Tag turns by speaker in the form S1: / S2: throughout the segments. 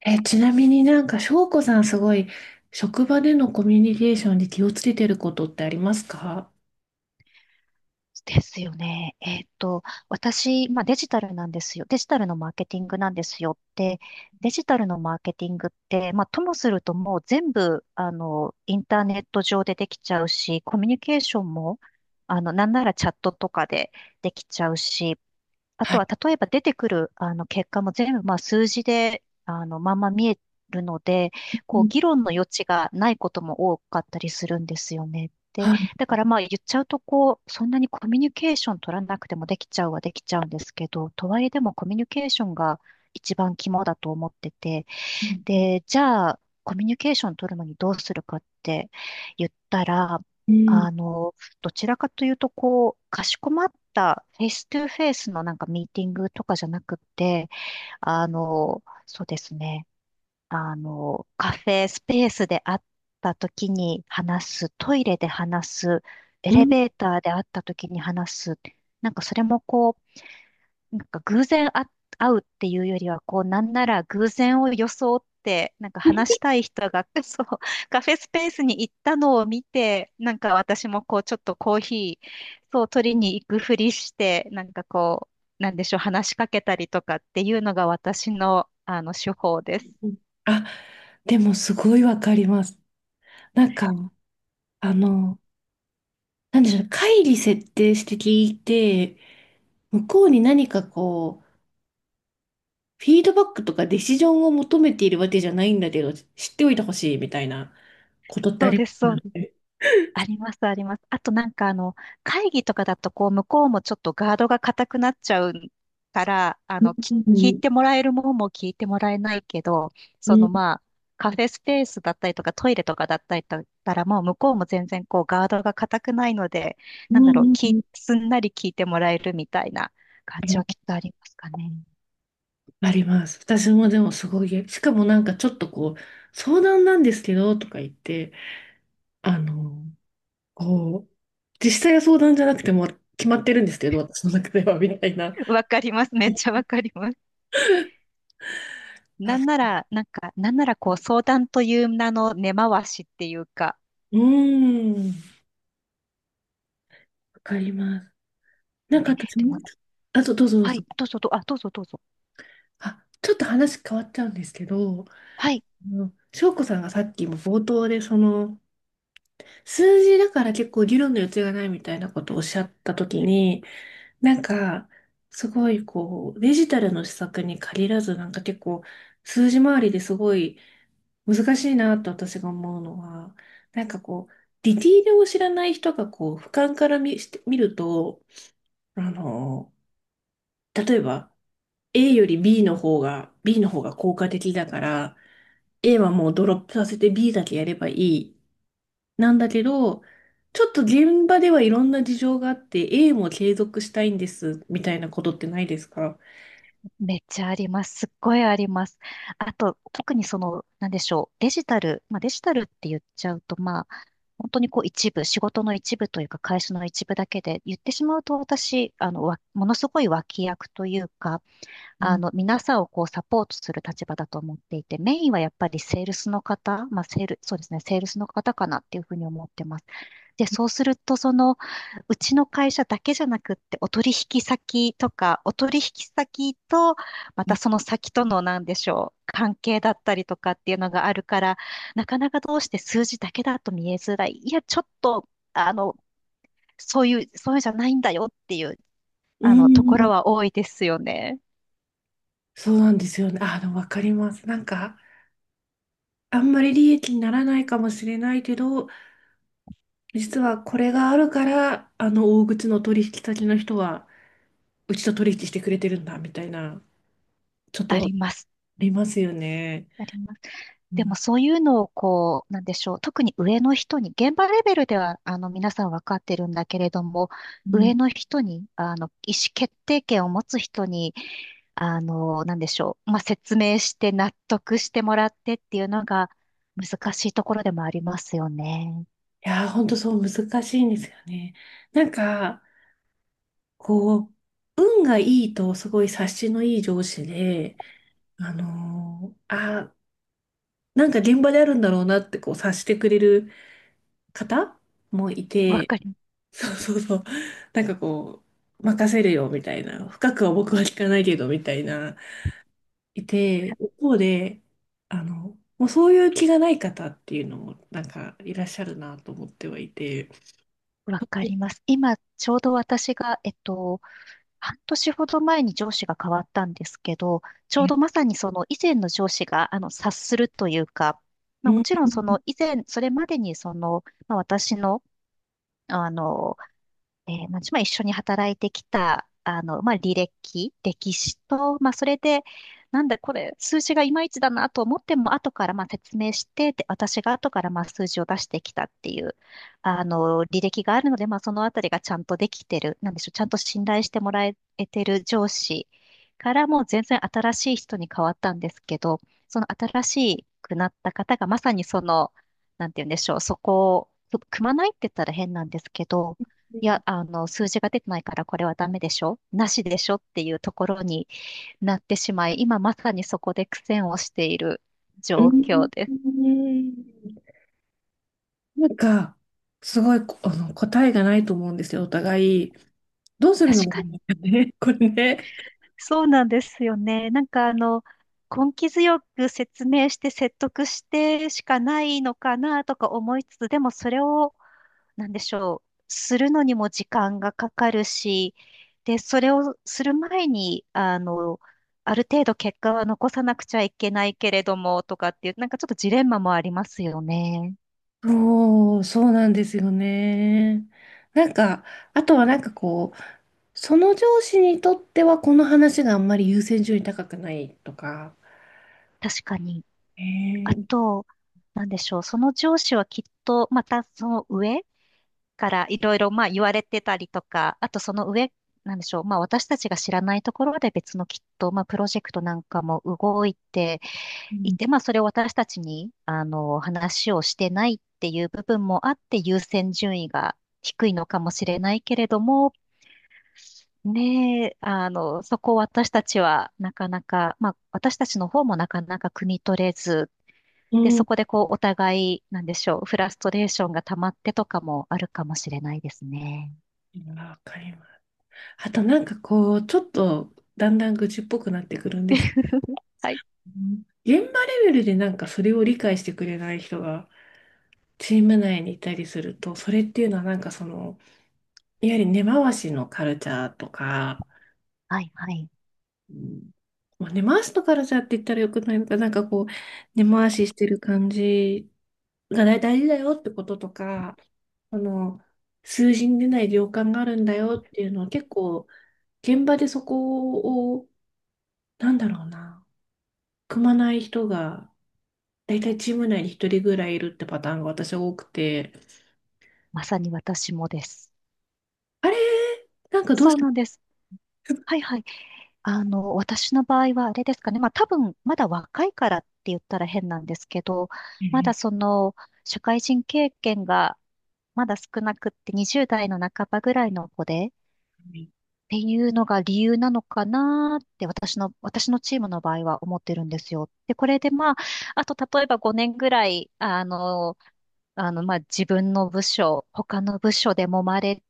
S1: ちなみになんか、翔子さんすごい、職場でのコミュニケーションで気をつけてることってありますか？
S2: ですよね。私、まあ、デジタルなんですよ。デジタルのマーケティングなんですよって、デジタルのマーケティングって、まあ、ともするともう全部、インターネット上でできちゃうし、コミュニケーションも、なんならチャットとかでできちゃうし、あ
S1: は
S2: と
S1: い。
S2: は、例えば出てくる、結果も全部、まあ、数字で、まんま見えるので、
S1: う
S2: こう、
S1: ん。
S2: 議論の余地がないことも多かったりするんですよね。で、
S1: はい。
S2: だからまあ、言っちゃうと、こう、そんなにコミュニケーション取らなくてもできちゃうはできちゃうんですけど、とはいえでもコミュニケーションが一番肝だと思ってて、
S1: うん。
S2: で、じゃあ、コミュニケーション取るのにどうするかって言ったら、あの、どちらかというと、こう、かしこまったフェイストゥフェイスのなんかミーティングとかじゃなくて、そうですね、カフェスペースで会った時に話す、トイレで話す、エ
S1: う
S2: レ
S1: ん。
S2: ベーターで会った時に話す、なんかそれもこう、なんか偶然あ会うっていうよりは、こう、なんなら偶然を装って、なんか
S1: うん。
S2: 話したい人が、そう、カフェスペースに行ったのを見て、なんか私もこう、ちょっとコーヒー、そう、取りに行くふりして、なんかこう、なんでしょう、話しかけたりとかっていうのが私の、手法です。
S1: あ、でもすごいわかります。なんか、あの、なんでしょう、会議設定して聞いて、向こうに何かこう、フィードバックとかディシジョンを求めているわけじゃないんだけど、知っておいてほしいみたいなことってあ
S2: そう
S1: りま
S2: です、そ
S1: す
S2: う
S1: よ
S2: です。
S1: ね。
S2: あります、あります。あとなんか会議とかだとこう、向こうもちょっとガードが硬くなっちゃうから、
S1: うん、う
S2: 聞い
S1: ん。
S2: てもらえるもんも聞いてもらえないけど、
S1: う
S2: その
S1: ん、
S2: まあ、カフェスペースだったりとかトイレとかだったりだったらもう向こうも全然こうガードが硬くないので、
S1: うん。うん、
S2: すんなり聞いてもらえるみたいな感
S1: う
S2: じ
S1: ん。
S2: はきっとありますかね。
S1: あります。私もでもすごい、しかもなんかちょっとこう、相談なんですけど、とか言って、あの、こう、実際は相談じゃなくても決まってるんですけど、私の中では、みたいな。
S2: わかります。めっちゃわかります。なんな
S1: あ、
S2: ら、なんならこう相談という名の根回しっていうか、
S1: うーん、わかります。なんか
S2: え、
S1: 私
S2: で
S1: も
S2: も
S1: うちょっと、あとどうぞどう
S2: は
S1: ぞ。
S2: い、どうぞどうぞ。
S1: あ、ちょっと話変わっちゃうんですけど、
S2: はい、
S1: 翔子さんがさっきも冒頭で、その、数字だから結構議論の余地がないみたいなことをおっしゃったときに、なんか、すごいこう、デジタルの施策に限らず、なんか結構、数字回りですごい難しいなと私が思うのは、なんかこう、ディティールを知らない人がこう、俯瞰から見して、見ると、あの、例えば、A より B の方が、効果的だから、A はもうドロップさせて B だけやればいい。なんだけど、ちょっと現場ではいろんな事情があって、A も継続したいんです、みたいなことってないですか
S2: めっちゃあります。すっごいあります。あと、特にその、なんでしょう、デジタル、まあデジタルって言っちゃうと、まあ、本当にこう一部、仕事の一部というか、会社の一部だけで、言ってしまうと私、ものすごい脇役というか、皆さんをこうサポートする立場だと思っていて、メインはやっぱりセールスの方、まあ、セール、そうですね、セールスの方かなっていうふうに思ってます。で、そうすると、その、うちの会社だけじゃなくって、お取引先とか、お取引先と、また
S1: ね、
S2: その先との、なんでしょう、関係だったりとかっていうのがあるから、なかなかどうして数字だけだと見えづらい。いや、ちょっと、そういうんじゃないんだよっていう、
S1: うー
S2: ところ
S1: ん、
S2: は多いですよね。
S1: そうなんですよね。あ、でもわかります。なんか、あんまり利益にならないかもしれないけど、実はこれがあるから、あの大口の取引先の人は、うちと取引してくれてるんだ、みたいな、ちょっ
S2: あ
S1: とあ
S2: ります。
S1: りますよね。
S2: あります。
S1: う
S2: でも
S1: ん、
S2: そういうのをこう、なんでしょう、特に上の人に、現場レベルではあの皆さん分かってるんだけれども、
S1: うん。
S2: 上の人に、あの意思決定権を持つ人に、なんでしょう、まあ、説明して納得してもらってっていうのが難しいところでもありますよね。
S1: いやー、ほんとそう難しいんですよね。なんか、こう、運がいいと、すごい察しのいい上司で、あのーあ、なんか現場であるんだろうなって、こう、察してくれる方もい
S2: わ
S1: て、
S2: かり、
S1: そうそうそう、なんかこう、任せるよみたいな、深くは僕は聞かないけどみたいな、いて、一方で、もうそういう気がない方っていうのも、なんかいらっしゃるなと思ってはいて、
S2: わかります。今、ちょうど私が、半年ほど前に上司が変わったんですけど、ちょうどまさにその以前の上司があの察するというか、ま
S1: う
S2: あ、も
S1: ん、
S2: ちろんその以前、それまでにその、まあ、私の、あのまあ一緒に働いてきた、まあ、履歴、歴史と、まあ、それで、なんだこれ、数字がいまいちだなと思っても、後からまあ説明して、で、私が後からまあ数字を出してきたっていう、履歴があるので、まあ、そのあたりがちゃんとできてる、なんでしょう、ちゃんと信頼してもらえてる上司からもう全然新しい人に変わったんですけど、その新しくなった方がまさにその、なんて言うんでしょう、そこを、組まないって言ったら変なんですけど、いや、数字が出てないからこれはダメでしょなしでしょっていうところになってしまい、今まさにそこで苦戦をしている
S1: う
S2: 状
S1: ん、
S2: 況です。
S1: なんか、すごい、答えがないと思うんですよ、お互い。どうするの
S2: 確
S1: がい
S2: か
S1: いの
S2: に。
S1: かね、これね。
S2: そうなんですよね。なんかあの、根気強く説明して説得してしかないのかなとか思いつつ、でもそれをなんでしょう、するのにも時間がかかるし、で、それをする前に、ある程度結果は残さなくちゃいけないけれども、とかっていう、なんかちょっとジレンマもありますよね。
S1: そう、そうなんですよね。なんか、あとはなんかこう、その上司にとってはこの話があんまり優先順位高くないとか、
S2: 確かに。
S1: え
S2: あ
S1: ー、
S2: と、なんでしょう、その上司はきっと、またその上からいろいろ、まあ言われてたりとか、あとその上、なんでしょう、まあ私たちが知らないところで別のきっと、まあプロジェクトなんかも動いて
S1: う
S2: い
S1: ん、
S2: て、まあ、それを私たちに、話をしてないっていう部分もあって、優先順位が低いのかもしれないけれども、ねえ、そこを私たちはなかなか、まあ、私たちの方もなかなか汲み取れず、
S1: う
S2: で、そ
S1: ん。
S2: こでこう、お互い、なんでしょう、フラストレーションが溜まってとかもあるかもしれないですね。
S1: わかります。あとなんかこう、ちょっとだんだん愚痴っぽくなってくるんですけど、
S2: はい。
S1: 現場レベルでなんかそれを理解してくれない人がチーム内にいたりすると、それっていうのはなんかその、いわゆる根回しのカルチャーとか、
S2: はい、はい。
S1: うん、まあ、根回しの辛さって言ったらよくないのか、なんかこう、根回ししてる感じが大大事だよってこととか、あの、数字に出ない量感があるんだよっていうのは結構、現場でそこを、なんだろうな、組まない人が、大体チーム内に一人ぐらいいるってパターンが私は多くて、
S2: まさに私もです。
S1: あれ、なんかどう
S2: そ
S1: し
S2: う
S1: て、
S2: なんです。はい、はい。私の場合はあれですかね。まあ多分、まだ若いからって言ったら変なんですけど、まだその、社会人経験がまだ少なくって20代の半ばぐらいの子で、っていうのが理由なのかなって私のチームの場合は思ってるんですよ。で、これでまあ、あと例えば5年ぐらい、まあ自分の部署、他の部署で揉まれ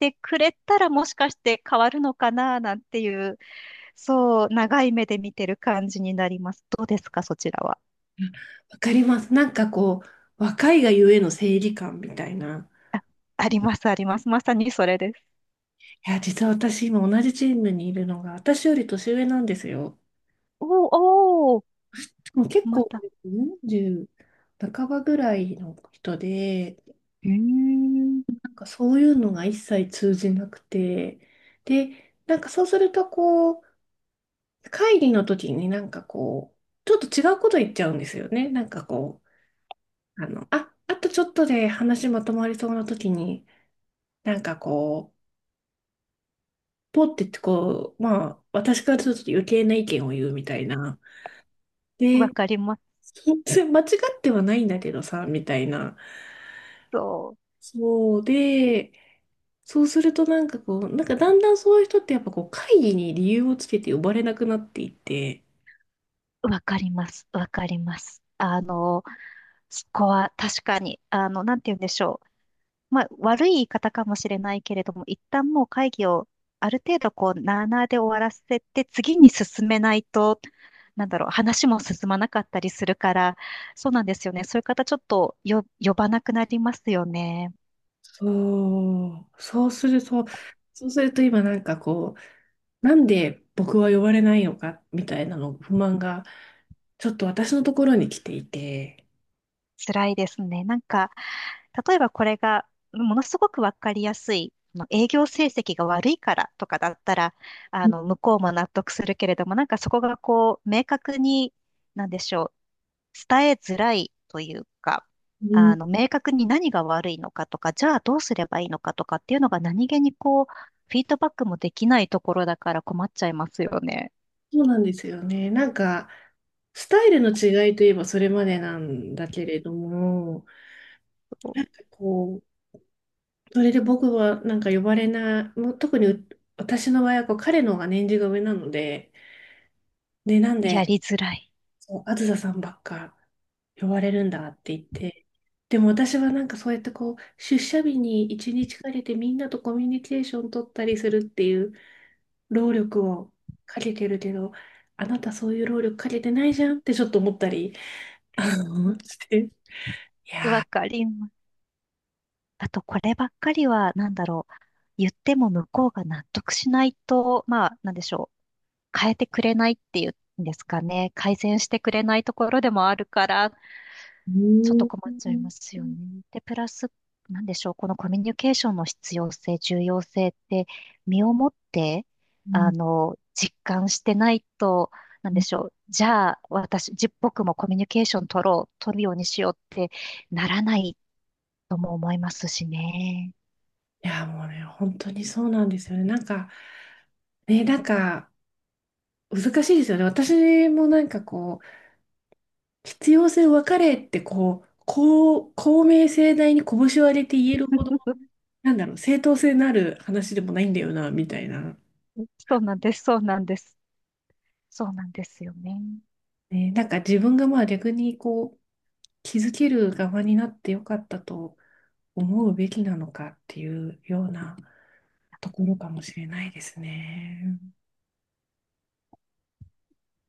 S2: てくれたらもしかして変わるのかななんていうそう、長い目で見てる感じになります。どうですか、そちらは。
S1: わかります。なんかこう、若いがゆえの正義感みたいな。
S2: あ、あります、あります。まさにそれです。
S1: いや、実は私今同じチームにいるのが、私より年上なんですよ。
S2: おーおー、
S1: でも結
S2: ま
S1: 構
S2: た。
S1: 40半ばぐらいの人で、
S2: うーん、
S1: なんかそういうのが一切通じなくて、で、なんかそうするとこう、会議の時になんかこう、ちょっと違うこと言っちゃうんですよね。なんかこう、あとちょっとで話まとまりそうな時に、なんかこう、ポッてってこう、まあ、私からすると余計な意見を言うみたいな。
S2: わ
S1: で、
S2: かります。
S1: そうそれ間違ってはないんだけどさ、みたいな。
S2: そ
S1: そうで、そうするとなんかこう、なんかだんだんそういう人ってやっぱこう会議に理由をつけて呼ばれなくなっていって、
S2: う、わかります、わかります。そこは確かに、なんて言うんでしょう。まあ、悪い言い方かもしれないけれども、一旦もう会議をある程度こう、なあなあで終わらせて、次に進めないと、なんだろう、話も進まなかったりするから、そうなんですよね。そういう方、ちょっと呼ばなくなりますよね。
S1: そう、そうすると、そうすると今なんかこう、なんで僕は呼ばれないのか、みたいなの不満が、ちょっと私のところに来ていて、
S2: 辛いですね。なんか、例えばこれが、ものすごくわかりやすい、あの営業成績が悪いからとかだったら、
S1: う
S2: 向こうも納得するけれども、なんかそこがこう、明確に、なんでしょう。伝えづらいというか、
S1: ん、
S2: 明確に何が悪いのかとか、じゃあどうすればいいのかとかっていうのが何気にこう、フィードバックもできないところだから困っちゃいますよね。
S1: そうなんですよね。なんか、スタイルの違いといえばそれまでなんだけれども、なんかこう、それで僕はなんか呼ばれない、もう特にう私の場合はこう彼の方が年次が上なので、で、なん
S2: や
S1: で、
S2: りづらい。
S1: そう、あずささんばっか呼ばれるんだって言って、でも私はなんかそうやってこう、出社日に一日かけてみんなとコミュニケーション取ったりするっていう労力をかけてるけど、あなたそういう労力かけてないじゃんってちょっと思ったり、して。
S2: わかります。あと、こればっかりは、なんだろう。言っても向こうが納得しないと、まあ、なんでしょう。変えてくれないっていうんですかね。改善してくれないところでもあるから、
S1: う
S2: ちょっ
S1: ん、
S2: と困っちゃい
S1: う
S2: ますよね。で、プラス、なんでしょう、このコミュニケーションの必要性、重要性って、身をもって、
S1: ん。
S2: 実感してないと、なんでしょう、じゃあ、私、じ、僕もコミュニケーション取ろう、取るようにしようってならないとも思いますしね。
S1: いや、もうね、本当にそうなんですよね。なんか、ね、なんか、難しいですよね。私もなんかこう、必要性を分かれってこう、公明正大に拳を上げて言えるほど、なんだろう、正当性のある話でもないんだよな、みたいな。
S2: そうなんです、そうなんです。そうなんですよね。
S1: ね、なんか自分がまあ逆にこう、気づける側になってよかったと思うべきなのかっていうようなところかもしれないですね。